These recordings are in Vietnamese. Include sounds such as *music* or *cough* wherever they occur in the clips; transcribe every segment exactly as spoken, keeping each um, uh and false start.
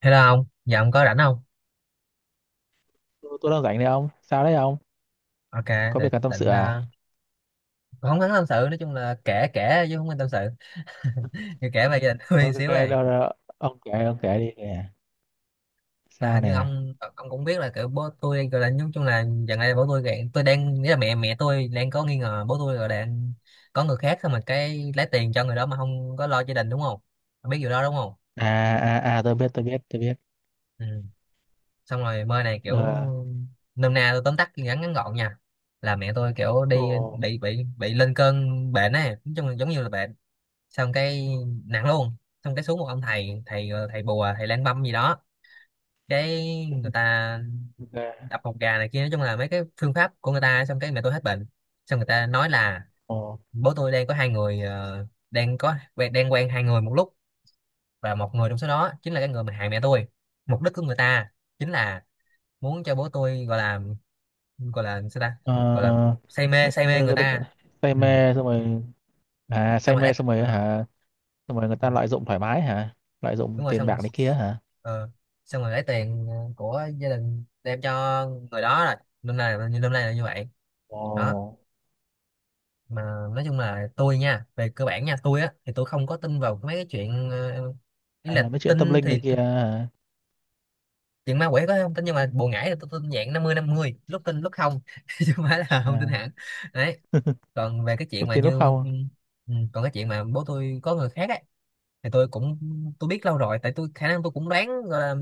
Hello ông, giờ ông có rảnh không? Tôi, tôi đang rảnh đấy ông. Sao đấy ông? Ok, Có để việc cần tâm sự định à? ờ, không hắn tâm sự, nói chung là kể kể chứ không nên tâm sự. *laughs* Thì kể về gia đình tôi Ok, xíu đâu, này. đâu. Ông kể, ông kể đi nè. Là Sao hình như nè? ông ông cũng biết là kiểu bố tôi gọi là nói chung là gần đây bố tôi gạn tôi đang nghĩa là mẹ mẹ tôi đang có nghi ngờ bố tôi rồi đang có người khác thôi mà cái lấy tiền cho người đó mà không có lo gia đình, đúng không? Ông biết điều đó đúng không? À, à, à, tôi biết, tôi biết, tôi biết. Ừ. Xong rồi mơ này kiểu Ờ, nôm na tôi tóm tắt ngắn ngắn gọn nha, là mẹ tôi kiểu ồ, đi bị bị bị lên cơn bệnh ấy, nói chung là giống như là bệnh, xong cái nặng luôn. Xong cái xuống một ông thầy, thầy thầy bùa, thầy lang băm gì đó, cái người ta ok, đập một gà này kia, nói chung là mấy cái phương pháp của người ta, xong cái mẹ tôi hết bệnh. Xong người ta nói là ồ. bố tôi đang có hai người, ờ, đang có quen- đang quen hai người một lúc, và một người trong số đó chính là cái người mà hại mẹ tôi. Mục đích của người ta chính là muốn cho bố tôi gọi là, gọi là sao ta, gọi là Ờ, say mê ng- say mê người ng- ng- ta. Say Ừ. mê xong rồi, à, Xong say rồi mê đấy xong rồi ờ. hả? Xong rồi người ta lợi dụng thoải mái hả? Lợi dụng Đúng rồi, tiền xong rồi, bạc này kia hả? ờ, xong rồi lấy tiền, ờ, của gia đình đem cho người đó, là năm nay là như năm nay là như vậy đó. Ồ. Mà nói chung là tôi nha, về cơ bản nha, tôi á thì tôi không có tin vào mấy cái chuyện, ờ, ý là À, mấy chuyện tâm tin linh thì này t- kia hả? chuyện ma quỷ có không tin, nhưng mà bùa ngải thì tôi tin dạng năm mươi năm mươi, lúc tin lúc không *laughs* chứ không phải là không tin À. hẳn. Đấy. *laughs* Còn về cái chuyện Lúc mà tiền lúc như, không. ừ, còn cái chuyện mà bố tôi có người khác ấy, thì tôi cũng tôi biết lâu rồi, tại tôi khả năng tôi cũng đoán gọi là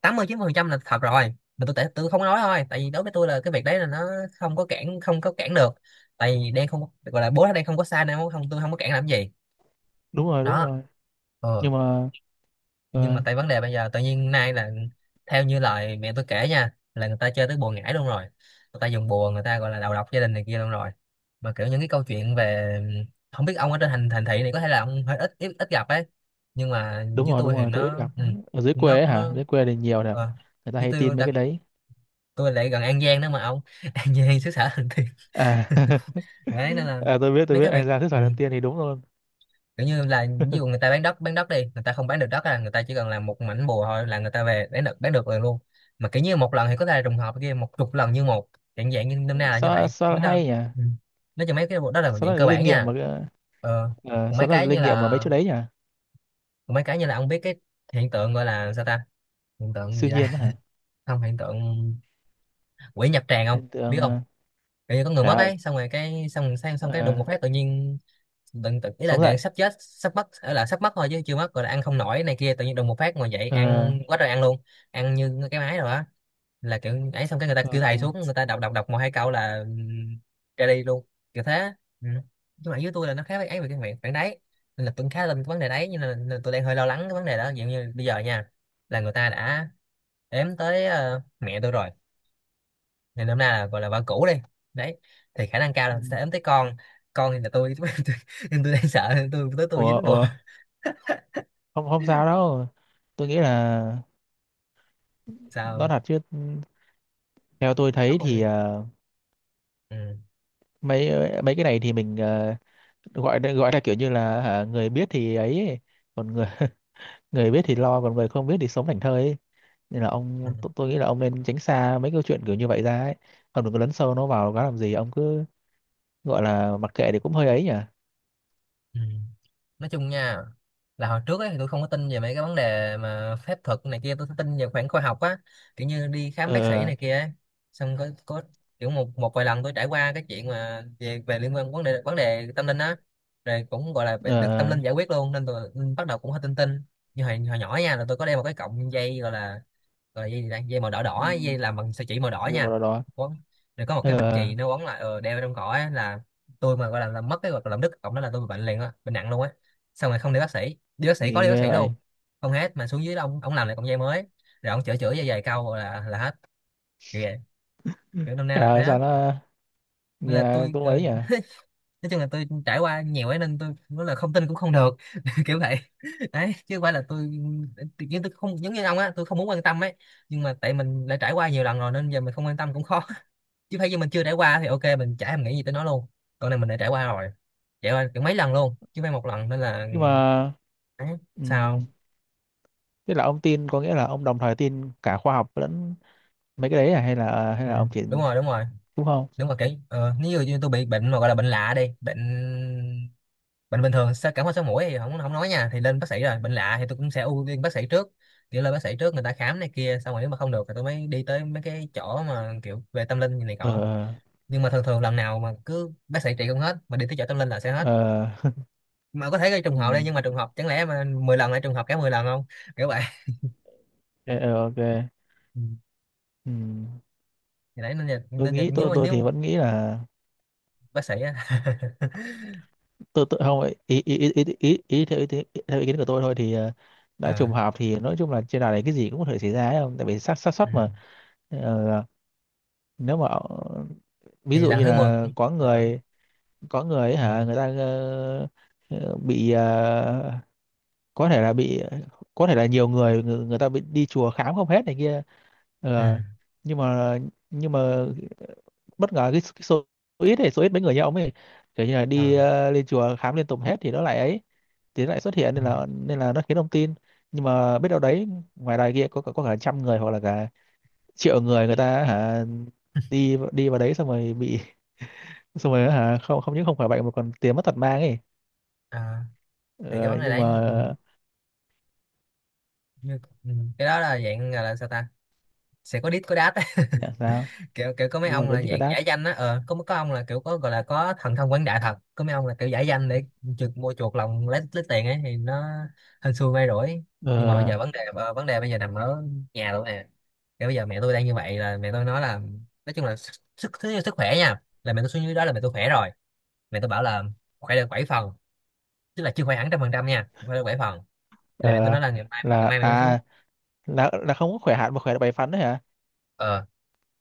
tám mươi chín mươi phần trăm là thật rồi, mà tôi tại tôi không nói thôi, tại vì đối với tôi là cái việc đấy là nó không có cản không có cản được. Tại vì đang không gọi là bố nó đang không có sai nên không tôi không có cản làm gì. Đúng rồi, đúng Đó. rồi. Ờ. Nhưng mà, Nhưng mà ờ, tại vấn đề bây giờ tự nhiên nay là theo như lời mẹ tôi kể nha, là người ta chơi tới bùa ngải luôn rồi, người ta dùng bùa người ta gọi là đầu độc gia đình này kia luôn rồi. Mà kiểu những cái câu chuyện về, không biết ông ở trên thành thành thị này có thể là ông hơi ít ít, ít gặp ấy, nhưng mà đúng với rồi đúng tôi thì rồi, tôi ít nó, gặp. Ừ, ở dưới quê nó ấy hả? nó Dưới quê thì nhiều nè, ờ, người ta với hay tôi tin mấy đặc, cái đấy. tôi lại gần An Giang đó mà ông. *laughs* An Giang xứ sở thần tiên. À, *laughs* *laughs* Đấy nên là à tôi biết tôi mấy biết, cái anh việc, ra sức khỏe ừ, lần tiên thì đúng luôn. kiểu như là ví dụ người *laughs* ta bán đất, bán đất đi người ta không bán được đất à, người ta chỉ cần làm một mảnh bùa thôi là người ta về bán được, bán được rồi luôn. Mà kiểu như một lần thì có thể là trùng hợp, kia một chục lần như một dạng dạng như năm nay là như Sao vậy sao biết đó. hay nhỉ. Ừ. Nói cho mấy cái bộ đó là một Sao dạng nó là cơ linh bản nghiệm mà nha. cái- Ờ. ờ, Còn mấy sao nó là cái như linh nghiệm mà mấy là, chỗ đấy nhỉ? còn mấy cái như là ông biết cái hiện tượng gọi là sao ta, hiện tượng Siêu gì ta, nhiên đó hả? *laughs* không, hiện tượng quỷ nhập tràng không Hiện biết tượng. không, ờ, kiểu như có người Trời mất ơi. ấy xong rồi cái xong xong, xong cái đùng Ờ. một phát tự nhiên tự, tự ý là Sống dậy. gần sắp chết sắp mất ở là sắp mất thôi chứ chưa mất, rồi là ăn không nổi này kia tự nhiên đùng một phát ngồi dậy Ờ ăn quá trời ăn luôn, ăn như cái máy rồi á, là kiểu ấy. Xong cái người ta ờ, kêu ờ. thầy xuống, người ta đọc đọc đọc một hai câu là ừm, ra đi luôn. Kiểu thế. Ừ. Nhưng mà với tôi là nó khá với ấy về cái miệng phản đấy, nên là tôi khá lên cái vấn đề đấy, nhưng là, là tôi đang hơi lo lắng cái vấn đề đó. Ví dụ như bây giờ nha, là người ta đã ếm tới, ờ, mẹ tôi rồi, ngày năm nay là gọi là vợ cũ đi, đấy, thì khả năng cao Ừ. là sẽ ấm tới con. Con thì là tôi *laughs* tôi, tôi, tôi đang sợ tôi tới tôi Ủa dính bồ. ủa, không không sao đâu. Tôi nghĩ là nó Sao? thật chứ. Theo tôi Ông thấy thì không. ờ, mấy, mấy cái này thì mình, ờ, gọi là, gọi là kiểu như là hả, người biết thì ấy, còn người *laughs* người biết thì lo, còn người không biết thì sống thảnh thơi ấy. Nên là Ừ. ông tôi, tôi nghĩ là ông nên tránh xa mấy câu chuyện kiểu như vậy ra ấy. Ông đừng có lấn sâu nó vào nó làm gì, ông cứ gọi là mặc kệ thì cũng hơi ấy nhỉ. Ừ. Nói chung nha, là hồi trước ấy thì tôi không có tin về mấy cái vấn đề mà phép thuật này kia, tôi tin về khoảng khoa học á, kiểu như đi khám Ờ bác sĩ này kia ấy. Xong có có kiểu một một vài lần tôi trải qua cái chuyện mà về về liên quan vấn đề vấn đề tâm linh á, rồi cũng gọi là bị- ờ được tâm linh ờ, giải quyết luôn, nên tôi bắt đầu cũng hơi tin tin. Như hồi, hồi nhỏ nha là tôi có đeo một cái cọng dây gọi là, rồi dây gì đây, dây màu đỏ, ừ, đỏ dây làm bằng sợi chỉ màu đỏ gì mà nha, đó đó. quấn, rồi có một cái mặt Ờ chì nó quấn lại, ờ, đeo trong cổ á, là tôi mà gọi là làm mất cái hoặc là làm đứt cộng đó là tôi bị bệnh liền á, bệnh nặng luôn á. Xong rồi không đi bác sĩ, đi bác sĩ có đi thì bác ghê sĩ vậy. luôn, không hết, mà xuống dưới đó, ông ông làm lại cọng dây mới, rồi ông chữa chữa dây dài câu là là hết. Kiểu vậy. Kiểu năm nay Trời là thế ơi á. sao nó Nên là nghe tôi, cũng ờ, ấy nhỉ. nói chung là tôi trải qua nhiều ấy nên tôi nói là không tin cũng không được *laughs* kiểu vậy. Đấy, chứ không phải là tôi, nhưng tôi không giống như ông á, tôi không muốn quan tâm ấy, nhưng mà tại mình đã trải qua nhiều lần rồi nên giờ mình không quan tâm cũng khó. *laughs* Chứ phải như mình chưa trải qua thì ok, mình chả thèm nghĩ gì tới nó luôn, còn này mình đã trải qua rồi, trải qua kiểu mấy lần luôn chứ không phải một lần, nên là Nhưng mà, đấy. ừm, Sao? tức là ông tin có nghĩa là ông đồng thời tin cả khoa học lẫn mấy cái đấy à? Hay là hay Ừ. là ông chỉ, Đúng rồi, đúng rồi, đúng không? đúng rồi. Kiểu ờ, nếu như như tôi bị bệnh mà gọi là bệnh lạ đi, bệnh, bệnh bình thường sao cảm ho sổ mũi thì không, không nói nha, thì lên bác sĩ, rồi bệnh lạ thì tôi cũng sẽ ưu tiên bác sĩ trước, kiểu lên bác sĩ trước người ta khám này kia xong rồi nếu mà không được thì tôi mới đi tới mấy cái chỗ mà kiểu về tâm linh như này Ờ cọ. ờ Nhưng mà thường thường lần nào mà cứ bác sĩ trị không hết mà đi tới chỗ tâm linh là sẽ hết. ờ. Mà có thể gây trùng Ừ, hợp đây, nhưng mà ok. trùng hợp chẳng lẽ mà mười lần lại trùng hợp cả mười lần không. Kiểu vậy. Ờ, ok. Ừ. Ừ. Thì đấy nên là, Tôi nên là nghĩ nếu tôi mà tôi thì nếu vẫn nghĩ là bác sĩ á. *laughs* tôi tôi không. Ý ý ý ý, ý, ý, theo, ý, kiến- Theo ý kiến của tôi thôi thì, ờ, đã Ờ, trùng hợp thì nói chung là trên đời này cái gì cũng có thể xảy ra ấy, không tại vì xác xác suất ừ. mà. Ờ. Nếu mà, ờ, ví Thì dụ lần như thứ mười là có Ờ, người, có người ấy ừ, hả người ta, ờ, ờ, bị, ờ, có thể là bị, có thể là nhiều người người, người ta bị đi chùa khám không hết này kia. ừ, Ờ, nhưng mà, nhưng mà bất ngờ cái, cái số ít này, số ít mấy người như ông ấy, kiểu như là đi, ờ, ờ, lên chùa khám liên tục hết thì nó lại ấy, thì nó lại xuất hiện ừ, nên là, nên là nó khiến ông tin. Nhưng mà biết đâu đấy, ngoài đài kia có có cả trăm người hoặc là cả triệu người, người ta hả đi đi vào đấy xong rồi bị *laughs* xong rồi hả, không không những không khỏi bệnh mà còn tiền mất tật mang ấy. ờ. Thì cái Ờ, vấn đề nhưng đấy. mà. Ừ. Như- ừ. Cái đó là dạng gọi là sao ta, sẽ có đít có đát á. Dạ sao? *laughs* Kiểu kiểu có mấy Đúng rồi ông vẫn là chỉ có dạng đáp. giải danh á, ờ có có ông là kiểu có gọi là có thần thông quảng đại thật, có mấy ông là kiểu giải danh để chuột mua chuột lòng lấy lấy tiền ấy, thì nó hên xui may rủi. Nhưng mà bây ờ, giờ vấn đề, ờ, vấn đề bây giờ nằm ở nhà luôn nè, kiểu bây giờ mẹ tôi đang như vậy, là mẹ tôi nói là nói chung là sức sức, sức, sức khỏe nha, là mẹ tôi xuống dưới đó là mẹ tôi khỏe rồi. Mẹ tôi bảo là khỏe được bảy phần, tức là chưa khỏe hẳn trăm phần trăm nha, khỏe được bảy phần, là mẹ tôi ờ, nói là ngày mai ngày là mai mẹ tôi xuống. à, là là không có khỏe hẳn mà khỏe được bảy phần đấy hả? Ờ,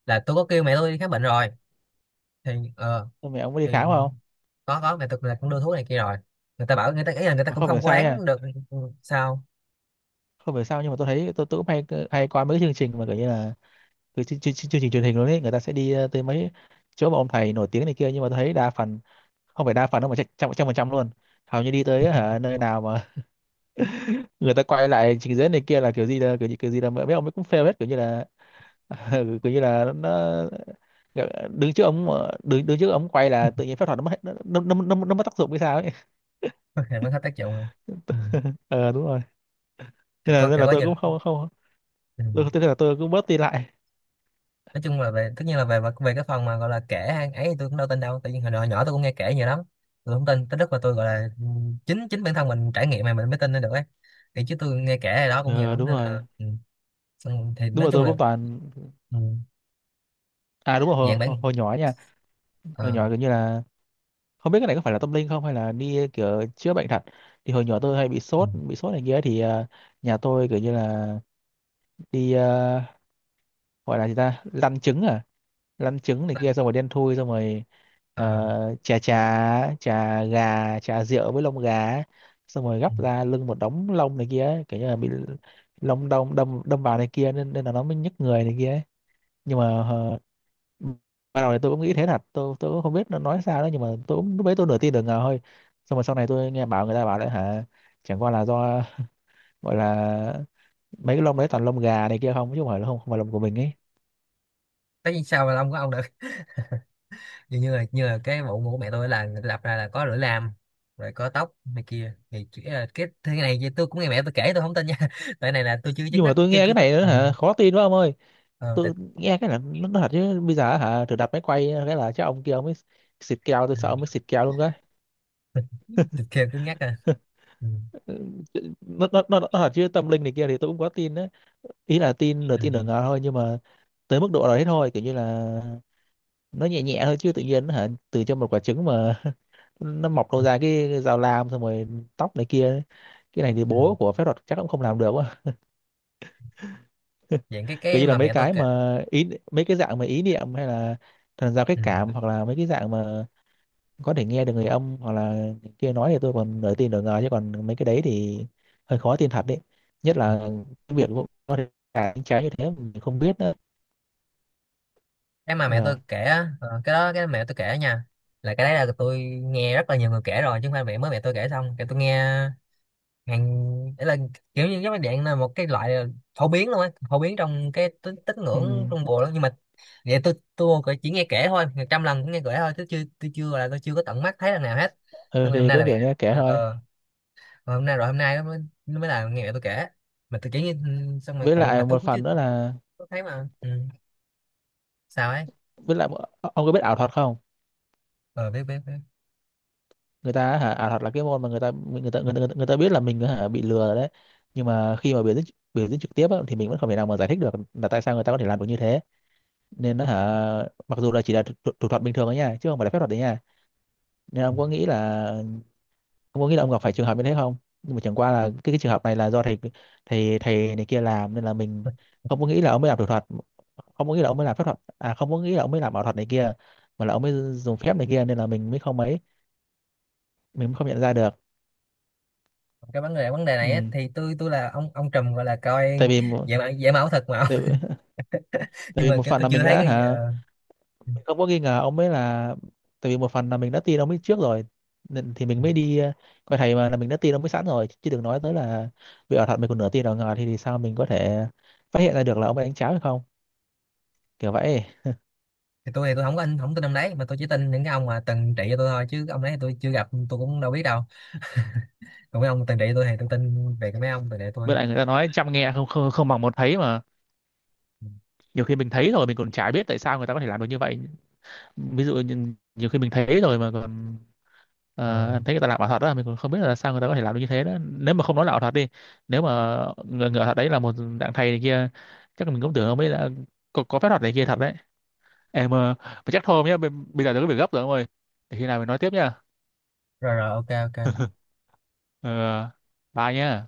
là tôi có kêu mẹ tôi đi khám bệnh rồi, thì ờ, Xong rồi ông có đi thì khám không? có có mẹ thực là cũng đưa thuốc này kia rồi, người ta bảo người ta ý là người ta Mà cũng không hiểu không có sao nha. đáng được. Ừ. Sao? Không hiểu sao nhưng mà tôi thấy tôi, tôi cũng hay, hay coi mấy cái chương trình mà kiểu như là từ chương, chương, chương trình truyền hình luôn ấy, người ta sẽ đi, ờ, tới mấy chỗ mà ông thầy nổi tiếng này kia, nhưng mà tôi thấy đa phần, không phải đa phần đâu mà chắc- trăm trăm phần trăm luôn, hầu như đi tới hả, nơi nào mà *laughs* người ta quay lại trình diễn này kia là kiểu gì là kiểu, gì- kiểu gì là mấy ông ấy cũng fail hết, kiểu như là *laughs* kiểu như là nó đứng trước ống mà- đứng đứng trước ống quay là tự *laughs* nhiên phép thuật nó mất hết- nó nó nó, nó, nó mất tác dụng hay sao ấy. Thì mới hết tác dụng rồi. Ừ. *laughs* Ờ đúng rồi. Kiểu Nên là, có nên kiểu là có tôi nhìn. cũng không không, Ừ. tôi, tôi là tôi cũng bớt đi lại. Nói chung là về tất nhiên là về về cái phần mà gọi là kể hay ấy thì tôi cũng đâu tin đâu, tại vì hồi nhỏ nhỏ tôi cũng nghe kể nhiều lắm, tôi không tin tới lúc mà tôi gọi là, ừ, chính chính bản thân mình trải nghiệm mà mình mới tin lên được ấy, thì chứ tôi nghe kể này đó cũng nhiều Ờ lắm đúng nên rồi là ừ. Xong thì đúng nói rồi chung tôi là cũng toàn. ừ. À đúng rồi hồi, Dạng hồi, bản, hồi nhỏ ấy nha, hồi ờ, nhỏ kiểu như là không biết cái này có phải là tâm linh không hay là đi kiểu chữa bệnh thật. Thì hồi nhỏ tôi hay bị ừ. sốt bị sốt này kia ấy, thì, ờ, nhà tôi kiểu như là đi, ờ, gọi là gì ta, lăn trứng à, lăn trứng này kia Nên- xong rồi đen thui xong rồi, ờ, ờ, chà chà chà gà chà rượu với lông gà ấy. Xong rồi ừ. gắp ra lưng một đống lông này kia ấy, kiểu như là bị lông đâm đâm đâm vào này kia nên nên là nó mới nhức người này kia ấy. Nhưng mà, ờ, ban đầu thì tôi cũng nghĩ thế thật, tôi tôi cũng không biết nó nói sao đó, nhưng mà tôi cũng lúc đấy tôi nửa tin nửa ngờ thôi. Xong rồi sau này tôi nghe bảo, người ta bảo đấy hả, chẳng qua là do gọi là mấy cái lông đấy toàn lông gà này kia không, chứ không phải là không, không phải lông của mình ấy. Tất nhiên sao mà ông có ông đã, như như là như là cái bộ của mẹ tôi là người ta lập ra là có lưỡi lam, rồi có tóc này kia, thì chỉ là cái thứ này thì tôi cũng nghe mẹ tôi kể tôi không tin nha *laughs* tại này là tôi chưa chứng Nhưng mà mắt tôi chưa nghe cái cứ có này nữa ừ. hả, khó tin quá ông ơi. Ờ, tại, Tôi nghe cái là nó nó thật chứ, bây giờ hả thử đặt máy quay cái là chắc ông kia ông ấy xịt keo, tôi ừ. sợ ông ấy xịt keo luôn cái. *laughs* Tôi kêu cứ nhắc à. Ừ. *laughs* nó, nó, nó, nó thật chứ tâm linh này kia thì tôi cũng có tin đấy, ý là tin nửa tin nửa Ừ. ngờ thôi, nhưng mà tới mức độ đấy thôi, kiểu như là nó nhẹ nhẹ thôi, chứ tự nhiên hả từ cho một quả trứng mà *laughs* nó mọc đâu Ừ. ra cái dao lam xong rồi tóc này kia, cái này thì Ừ. bố của phép thuật chắc cũng không làm được quá. Vậy cái Kiểu cái như là mà mấy mẹ tôi cái kể, mà ý, mấy cái dạng mà ý niệm hay là thần giao cách ừ, cảm, hoặc là mấy cái dạng mà có thể nghe được người âm hoặc là kia nói thì tôi còn nửa tin nửa ngờ, chứ còn mấy cái đấy thì hơi khó tin thật đấy, nhất là cái việc có thể cả những trái như thế mình không biết nữa. cái mà mẹ tôi Ờ. kể á, ờ, cái đó cái mẹ tôi kể nha, là cái đấy là tôi nghe rất là nhiều người kể rồi chứ không phải mẹ mới mẹ tôi kể xong cái tôi nghe. Ngàn để là kiểu như cái máy điện là một cái loại phổ biến luôn á, phổ biến trong cái tín tín Ừ. ngưỡng trung bộ đó, nhưng mà vậy tôi tôi chỉ nghe kể thôi, ngàn trăm lần cũng nghe kể thôi, tôi chưa tôi chưa là tôi chưa có tận mắt thấy lần nào hết. Ừ Tôi hôm thì nay cứ là mẹ, kiểu nghe kể ờ, thôi. ờ, mà hôm nay rồi hôm nay nó mới, nó mới là nghe mẹ tôi kể, mà tôi chỉ nghe ừ, xong rồi Với còn mà lại tôi một cũng chưa phần nữa là, có thấy mà ừ. Sao ấy? với lại ông có biết ảo thuật không? Ờ biết biết biết. Người ta hả, ảo thuật là cái môn mà người ta người ta người ta, người ta biết là mình hả bị lừa rồi đấy, nhưng mà khi mà biểu diễn biểu diễn trực tiếp á, thì mình vẫn không thể nào mà giải thích được là tại sao người ta có thể làm được như thế, nên nó hả, mặc dù là chỉ là thủ, thủ thủ thuật bình thường ấy nha, chứ không phải là phép thuật đấy nha. Nên ông có nghĩ là, ông có nghĩ là ông gặp phải trường hợp như thế không? Nhưng mà chẳng qua là cái, cái trường hợp này là do thầy thầy thầy này kia làm nên là mình không có nghĩ là ông mới làm thủ thuật, không có nghĩ là ông mới làm phép thuật à, không có nghĩ là ông mới làm ảo thuật này kia mà là ông mới dùng phép này kia nên là mình mới không ấy, mình không nhận ra được. Cái vấn đề vấn đề Ừ. này á, thì tôi tôi là ông ông Trùm gọi là Tại coi, vì một, vậy mà vậy mà ảo thật mà. tại, *laughs* *laughs* tại Nhưng vì mà một kiểu phần tôi là chưa mình thấy đã cái gì- hả, ờ. Ừ, mình không có nghi ngờ ông ấy là, tại vì một phần là mình đã tin ông ấy trước rồi, nên thì ừ. mình mới đi, ờ, coi thầy mà, là mình đã tin ông ấy sẵn rồi, chứ đừng nói tới là vì ở thật mình còn nửa tin ở ngờ thì thì sao mình có thể phát hiện ra được là ông ấy đánh cháo hay không, kiểu vậy. Thì tôi thì tôi không có anh không tin ông đấy, mà tôi chỉ tin những cái ông mà từng trị cho tôi thôi, chứ cái ông đấy thì tôi chưa gặp tôi cũng đâu biết đâu. Còn mấy ông từng trị tôi thì tôi tin về cái mấy ông từng trị tôi. Với lại người ta nói trăm nghe không không không bằng một thấy mà, nhiều khi mình thấy rồi mình còn chả biết tại sao người ta có thể làm được như vậy. Ví dụ như, nhiều khi mình thấy rồi mà còn, Ờ, ờ, em thấy người ta làm ảo thuật đó mình còn không biết là sao người ta có thể làm được như thế đó, nếu mà không nói là ảo thuật đi, nếu mà người, người ảo thuật đấy là một dạng thầy này kia chắc là mình cũng tưởng ông ấy là có, có phép thuật này kia thật đấy. Em, ờ, mà chắc thôi ông nhé, bây, bây giờ tôi có việc gấp rồi ông ơi, để khi nào mình nói tiếp nha. rồi rồi, ok ok. *laughs* Ờ, bye nhé.